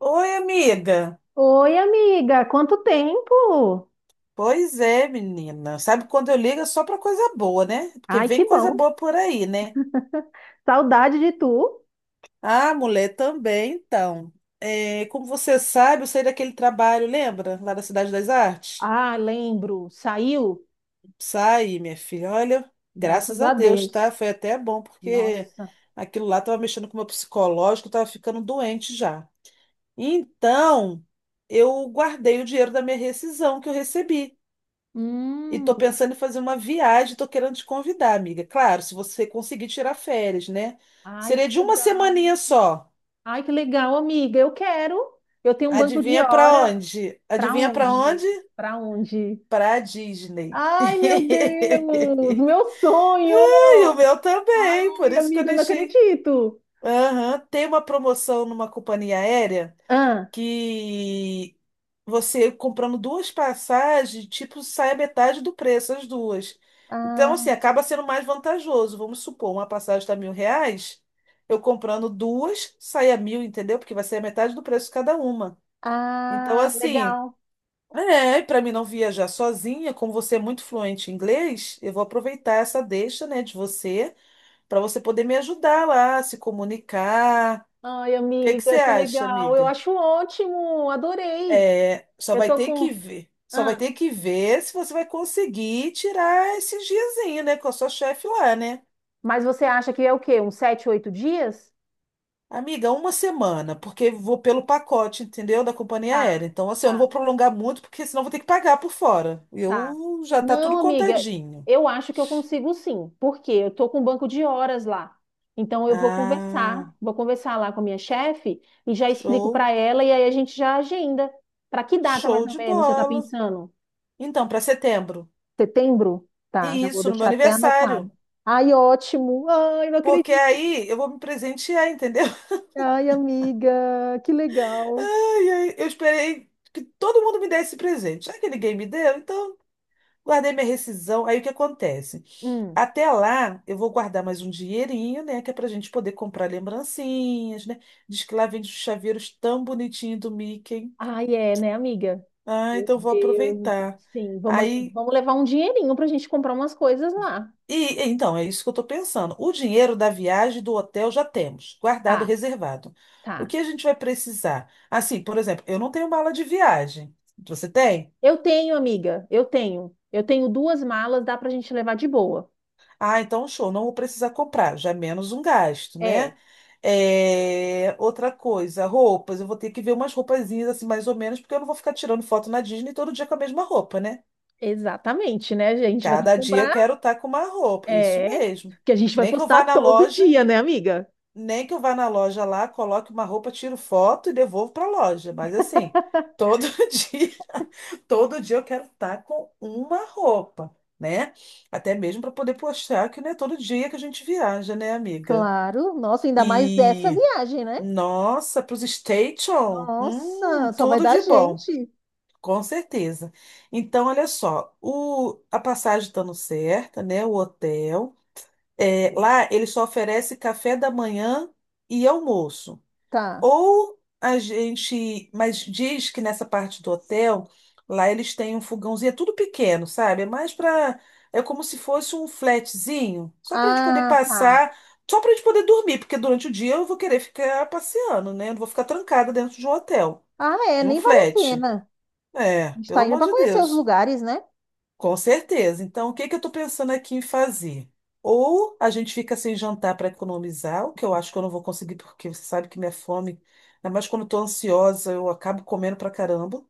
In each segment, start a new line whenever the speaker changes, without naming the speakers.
Oi, amiga.
Oi, amiga, quanto tempo?
Pois é, menina. Sabe quando eu ligo é só pra coisa boa, né? Porque
Ai, que
vem coisa
bom.
boa por aí, né?
Saudade de tu.
Ah, mulher, também, então. É, como você sabe, eu saí daquele trabalho, lembra? Lá da Cidade das Artes?
Ah, lembro. Saiu?
Saí, minha filha. Olha,
Graças
graças a
a
Deus, tá?
Deus.
Foi até bom, porque
Nossa.
aquilo lá tava mexendo com o meu psicológico, eu tava ficando doente já. Então, eu guardei o dinheiro da minha rescisão que eu recebi. E tô
Hum.
pensando em fazer uma viagem, tô querendo te convidar, amiga. Claro, se você conseguir tirar férias, né?
Ai,
Seria
que
de uma
legal.
semaninha só.
Ai, que legal, amiga. Eu quero. Eu tenho um banco de
Adivinha pra
hora.
onde?
Pra
Adivinha pra
onde?
onde?
Pra onde?
Pra Disney.
Ai, meu Deus, meu sonho.
E o meu também, por
Ai,
isso que eu
amiga, eu não
deixei.
acredito.
Aham, tem uma promoção numa companhia aérea.
Ah,
Que Você comprando duas passagens, tipo, sai a metade do preço, as duas. Então,
ah,
assim, acaba sendo mais vantajoso. Vamos supor, uma passagem está R$ 1.000, eu comprando duas, sai a 1.000, entendeu? Porque vai ser a metade do preço cada uma. Então,
ah,
assim,
legal.
é, para mim não viajar sozinha, como você é muito fluente em inglês, eu vou aproveitar essa deixa, né, de você, para você poder me ajudar lá, se comunicar.
Ai,
O que que você
amiga, que
acha,
legal. Eu
amiga?
acho ótimo, adorei.
É, só
Eu
vai
tô
ter que
com.
ver. Só vai
Ah,
ter que ver se você vai conseguir tirar esses diazinhos, né? Com a sua chefe lá, né?
mas você acha que é o quê? Uns sete, oito dias?
Amiga, uma semana, porque vou pelo pacote, entendeu? Da companhia
Tá,
aérea. Então, assim, eu não
tá,
vou prolongar muito, porque senão vou ter que pagar por fora.
tá.
Eu já tá
Não,
tudo
amiga,
contadinho.
eu acho que eu consigo sim, porque eu tô com um banco de horas lá. Então eu vou
Ah,
conversar, lá com a minha chefe e já explico
show,
pra ela e aí a gente já agenda. Pra que data
show
mais ou
de
menos você tá
bola.
pensando?
Então, para setembro.
Setembro? Tá,
E
já vou
isso, no meu
deixar até anotado.
aniversário.
Ai, ótimo. Ai, não
Porque
acredito.
aí eu vou me presentear, entendeu?
Ai, amiga, que legal.
Ai, ai, eu esperei que todo mundo me desse presente. Já que ninguém me deu, então guardei minha rescisão. Aí o que acontece?
Hum.
Até lá, eu vou guardar mais um dinheirinho, né? Que é pra gente poder comprar lembrancinhas, né? Diz que lá vende os chaveiros tão bonitinhos do Mickey.
Ai, é, né, amiga?
Ah,
Meu
então vou
Deus do céu.
aproveitar.
Sim, vamos,
Aí,
vamos levar um dinheirinho pra gente comprar umas coisas lá.
e então, é isso que eu tô pensando. O dinheiro da viagem, e do hotel, já temos, guardado,
Tá,
reservado. O
tá.
que a gente vai precisar? Assim, por exemplo, eu não tenho mala de viagem. Você tem?
Eu tenho, amiga, eu tenho. Eu tenho duas malas, dá pra gente levar de boa.
Ah, então show, não vou precisar comprar, já é menos um gasto, né?
É,
É, outra coisa, roupas, eu vou ter que ver umas roupazinhas assim, mais ou menos, porque eu não vou ficar tirando foto na Disney todo dia com a mesma roupa, né?
exatamente, né? A gente vai ter que
Cada dia eu
comprar,
quero estar com uma roupa, isso
é,
mesmo.
que a gente vai
Nem que eu
postar
vá na
todo
loja
dia, né, amiga?
nem que eu vá na loja lá, coloque uma roupa, tiro foto e devolvo para a loja. Mas assim, todo dia, todo dia eu quero estar com uma roupa, né? Até mesmo para poder postar, que não é todo dia que a gente viaja, né, amiga?
Claro. Nossa, ainda mais dessa
E
viagem, né?
nossa, para os station,
Nossa, só vai
tudo
dar
de bom,
gente.
com certeza. Então, olha só, a passagem estando certa, né? O hotel. É, lá ele só oferece café da manhã e almoço.
Tá.
Mas diz que nessa parte do hotel, lá eles têm um fogãozinho, é tudo pequeno, sabe? É mais para, é como se fosse um flatzinho, só para a gente poder
Ah, tá.
passar, só para a gente poder dormir, porque durante o dia eu vou querer ficar passeando, né? Eu não vou ficar trancada dentro de um hotel,
Ah, é,
de um
nem vale a
flat.
pena.
É,
A gente
pelo
tá indo
amor
para
de
conhecer os
Deus.
lugares, né?
Com certeza. Então, o que que eu estou pensando aqui em fazer? Ou a gente fica sem jantar para economizar, o que eu acho que eu não vou conseguir, porque você sabe que minha fome, ainda mais quando estou ansiosa, eu acabo comendo pra caramba.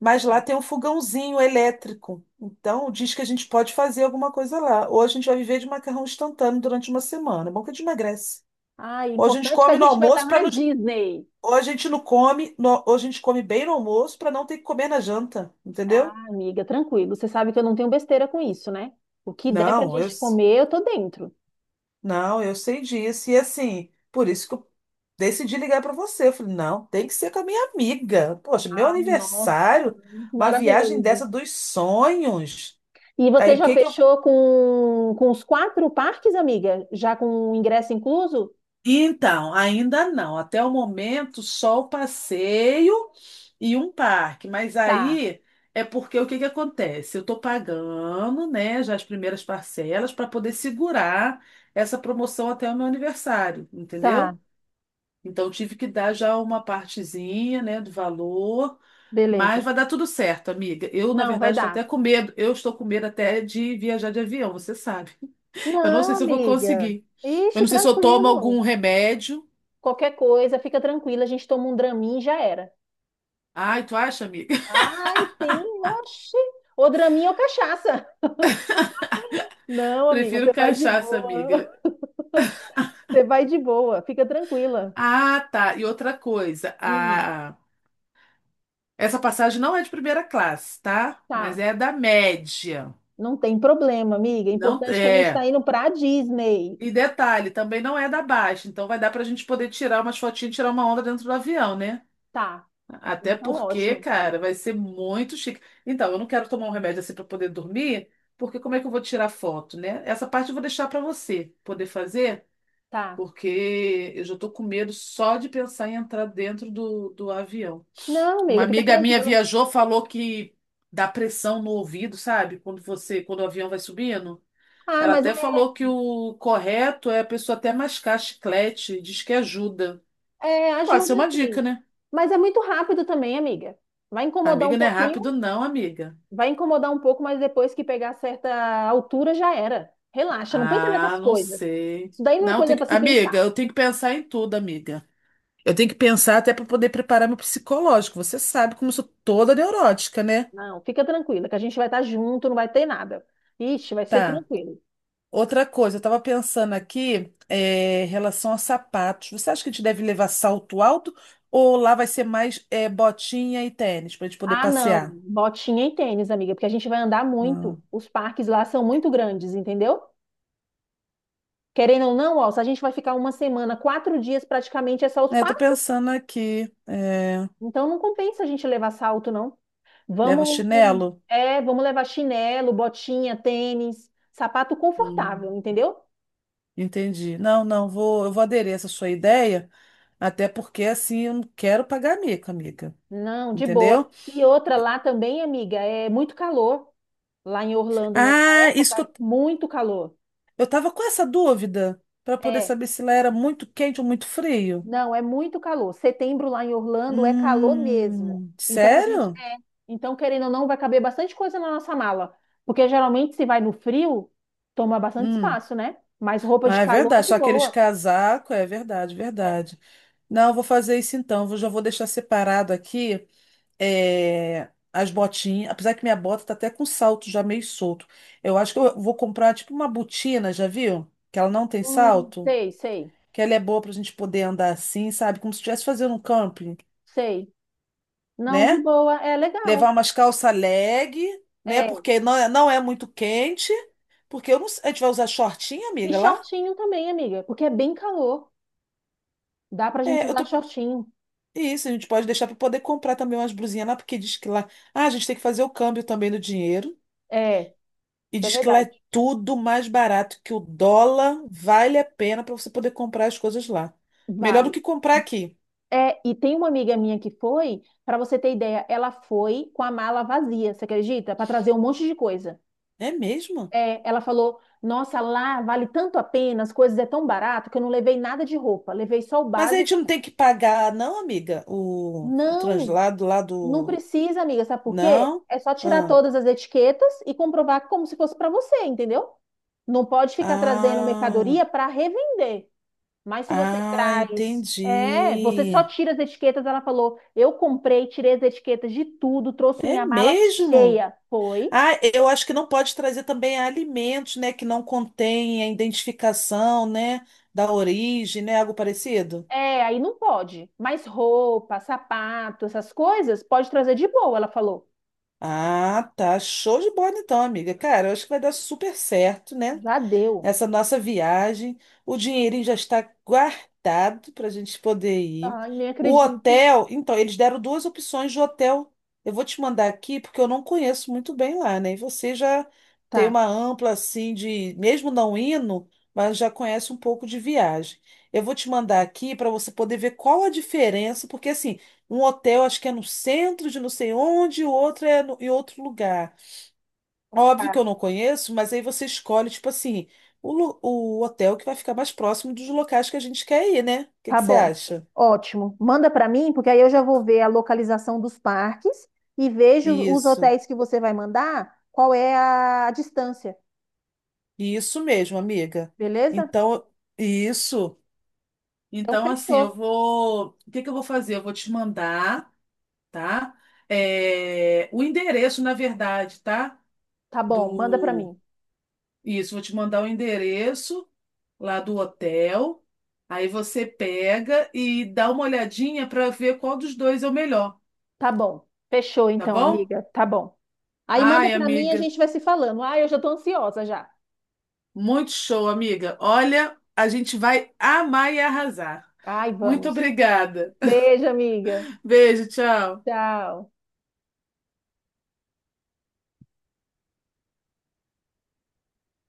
Mas lá tem um fogãozinho elétrico. Então, diz que a gente pode fazer alguma coisa lá. Ou a gente vai viver de macarrão instantâneo durante uma semana. É bom que a gente emagrece.
Ah, é
Ou a gente
importante que a
come no
gente vai estar
almoço para
na
não.
Disney.
Ou a gente não come, no... ou a gente come bem no almoço para não ter que comer na janta,
Ah,
entendeu?
amiga, tranquilo. Você sabe que eu não tenho besteira com isso, né? O que der pra
Não, eu.
gente comer, eu tô dentro.
Não, eu sei disso. E assim, por isso que eu decidi ligar para você. Eu falei, não, tem que ser com a minha amiga. Poxa, meu
Ah, nossa,
aniversário, uma viagem
maravilhoso.
dessa dos sonhos.
E você
Aí o
já
que que eu.
fechou com os quatro parques, amiga? Já com o ingresso incluso?
Então, ainda não. Até o momento, só o passeio e um parque. Mas
Tá,
aí é porque o que que acontece? Eu estou pagando, né, já as primeiras parcelas para poder segurar essa promoção até o meu aniversário,
tá,
entendeu? Então tive que dar já uma partezinha, né, do valor, mas
beleza.
vai dar tudo certo, amiga. Eu, na
Não, vai
verdade, estou até
dar.
com medo. Eu estou com medo até de viajar de avião, você sabe. Eu não
Não,
sei se eu vou
amiga.
conseguir. Eu
Ixi,
não sei se eu tomo
tranquilo.
algum remédio.
Qualquer coisa, fica tranquila, a gente toma um Dramin e já era.
Ai, tu acha, amiga?
Ai, sim, oxi. Ou draminha ou cachaça. Não, amiga,
Prefiro
você vai de
cachaça,
boa.
amiga.
Você vai de boa, fica tranquila.
Ah, tá. E outra coisa,
Hum,
a... essa passagem não é de primeira classe, tá? Mas
tá,
é da média.
não tem problema, amiga. É
Não
importante que a gente tá
é.
indo pra Disney.
E detalhe, também não é da Baixa, então vai dar pra gente poder tirar umas fotinhas, e tirar uma onda dentro do avião, né?
Tá,
Até
então
porque,
ótimo.
cara, vai ser muito chique. Então, eu não quero tomar um remédio assim pra poder dormir, porque como é que eu vou tirar foto, né? Essa parte eu vou deixar pra você poder fazer,
Tá.
porque eu já tô com medo só de pensar em entrar dentro do avião.
Não,
Uma
amiga, fica
amiga minha
tranquila.
viajou, falou que dá pressão no ouvido, sabe? Quando você, quando o avião vai subindo.
Ah,
Ela
mas
até
é,
falou que o correto é a pessoa até mascar chiclete, diz que ajuda.
é,
Pode
ajuda
ser uma dica,
sim.
né?
Mas é muito rápido também, amiga. Vai incomodar um
Amiga, não é
pouquinho,
rápido, não, amiga.
vai incomodar um pouco, mas depois que pegar certa altura já era. Relaxa, não pensa
Ah,
nessas
não
coisas.
sei.
Isso daí não é
Não,
coisa
tem
para
que...
se
Amiga,
pensar.
eu tenho que pensar em tudo, amiga. Eu tenho que pensar até para poder preparar meu psicológico. Você sabe como eu sou toda neurótica, né?
Não, fica tranquila, que a gente vai estar junto, não vai ter nada. Ixi, vai ser
Tá.
tranquilo.
Outra coisa, eu tava pensando aqui, é, em relação a sapatos. Você acha que a gente deve levar salto alto ou lá vai ser mais, é, botinha e tênis para a gente poder
Ah, não,
passear?
botinha e tênis, amiga, porque a gente vai andar muito.
Hum.
Os parques lá são muito grandes, entendeu? Querendo ou não, ó, se a gente vai ficar uma semana, quatro dias praticamente é só os
É, tô
parques.
pensando aqui. É,
Então não compensa a gente levar salto, não.
leva
Vamos,
chinelo?
é, vamos levar chinelo, botinha, tênis, sapato confortável,
Hum.
entendeu?
Entendi. Não, não, vou, eu vou aderir a essa sua ideia, até porque assim eu não quero pagar mico, amiga.
Não, de boa.
Entendeu?
E outra lá também, amiga, é muito calor. Lá em Orlando, nessa
Ah, isso
época,
que
é muito calor.
eu tava com essa dúvida para poder
É,
saber se lá era muito quente ou muito frio.
não, é muito calor. Setembro lá em Orlando é calor mesmo. Então a gente,
Sério?
é, então querendo ou não, vai caber bastante coisa na nossa mala, porque geralmente se vai no frio, toma bastante
Hum.
espaço, né? Mas roupa
Ah,
de
é
calor é
verdade.
de
Só aqueles
boa.
casacos, é verdade,
É.
verdade. Não, eu vou fazer isso então. Eu já vou deixar separado aqui. É, as botinhas, apesar que minha bota tá até com salto já meio solto. Eu acho que eu vou comprar tipo uma botina, já viu? Que ela não tem salto,
Sei, sei,
que ela é boa pra gente poder andar assim, sabe? Como se estivesse fazendo um camping,
sei. Não, de
né?
boa, é legal.
Levar umas calça leg, né?
É.
Porque não é, não é muito quente, porque eu não, a gente vai usar shortinho
E
amiga, lá?
shortinho também, amiga, porque é bem calor. Dá pra gente
É, eu
usar
tô
shortinho.
Isso, a gente pode deixar para poder comprar também umas blusinhas lá, porque diz que lá. Ah, a gente tem que fazer o câmbio também do dinheiro.
É,
E
isso é
diz que lá
verdade.
é tudo mais barato, que o dólar vale a pena para você poder comprar as coisas lá. Melhor do
Vale.
que comprar aqui.
É, e tem uma amiga minha que foi, para você ter ideia, ela foi com a mala vazia, você acredita? Para trazer um monte de coisa.
É mesmo?
É, ela falou: Nossa, lá vale tanto a pena, as coisas é tão barato que eu não levei nada de roupa, levei só o
Mas a gente não
básico.
tem que pagar, não, amiga, o
Não,
translado lá
não
do.
precisa, amiga, sabe por quê?
Não?
É só tirar
Ah,
todas as etiquetas e comprovar como se fosse para você, entendeu? Não pode ficar trazendo
ah,
mercadoria para revender. Mas se você
ah,
traz. É, você só
entendi.
tira as etiquetas. Ela falou: eu comprei, tirei as etiquetas de tudo, trouxe
É
minha mala
mesmo?
cheia. Foi.
Ah, eu acho que não pode trazer também alimentos, né, que não contém a identificação, né, da origem, né, algo parecido.
É, aí não pode. Mas roupa, sapato, essas coisas, pode trazer de boa, ela falou.
Ah, tá. Show de bola então, amiga. Cara, eu acho que vai dar super certo, né?
Já deu.
Essa nossa viagem. O dinheirinho já está guardado para a gente poder ir.
Ai, nem
O
acredito.
hotel, então, eles deram duas opções de hotel. Eu vou te mandar aqui porque eu não conheço muito bem lá, né? E você já tem
Tá,
uma ampla assim de, mesmo não indo, mas já conhece um pouco de viagem. Eu vou te mandar aqui para você poder ver qual a diferença, porque assim, um hotel acho que é no centro de não sei onde, e o outro é em outro lugar. Óbvio
tá,
que eu não conheço, mas aí você escolhe, tipo assim, o hotel que vai ficar mais próximo dos locais que a gente quer ir, né? O que
tá
que você
bom.
acha?
Ótimo. Manda pra mim, porque aí eu já vou ver a localização dos parques e vejo os
Isso,
hotéis que você vai mandar, qual é a distância,
isso mesmo, amiga.
beleza?
Então, isso.
Então
Então, assim, eu
fechou.
vou. O que que eu vou fazer? Eu vou te mandar, tá? É, o endereço, na verdade, tá?
Tá bom, manda pra
Do.
mim.
Isso, vou te mandar o endereço lá do hotel. Aí você pega e dá uma olhadinha para ver qual dos dois é o melhor.
Tá bom. Fechou
Tá
então,
bom?
amiga. Tá bom. Aí manda
Ai,
pra mim e a
amiga,
gente vai se falando. Ai, eu já tô ansiosa já.
muito show, amiga. Olha, a gente vai amar e arrasar.
Ai,
Muito
vamos.
obrigada.
Beijo, amiga.
Beijo, tchau.
Tchau.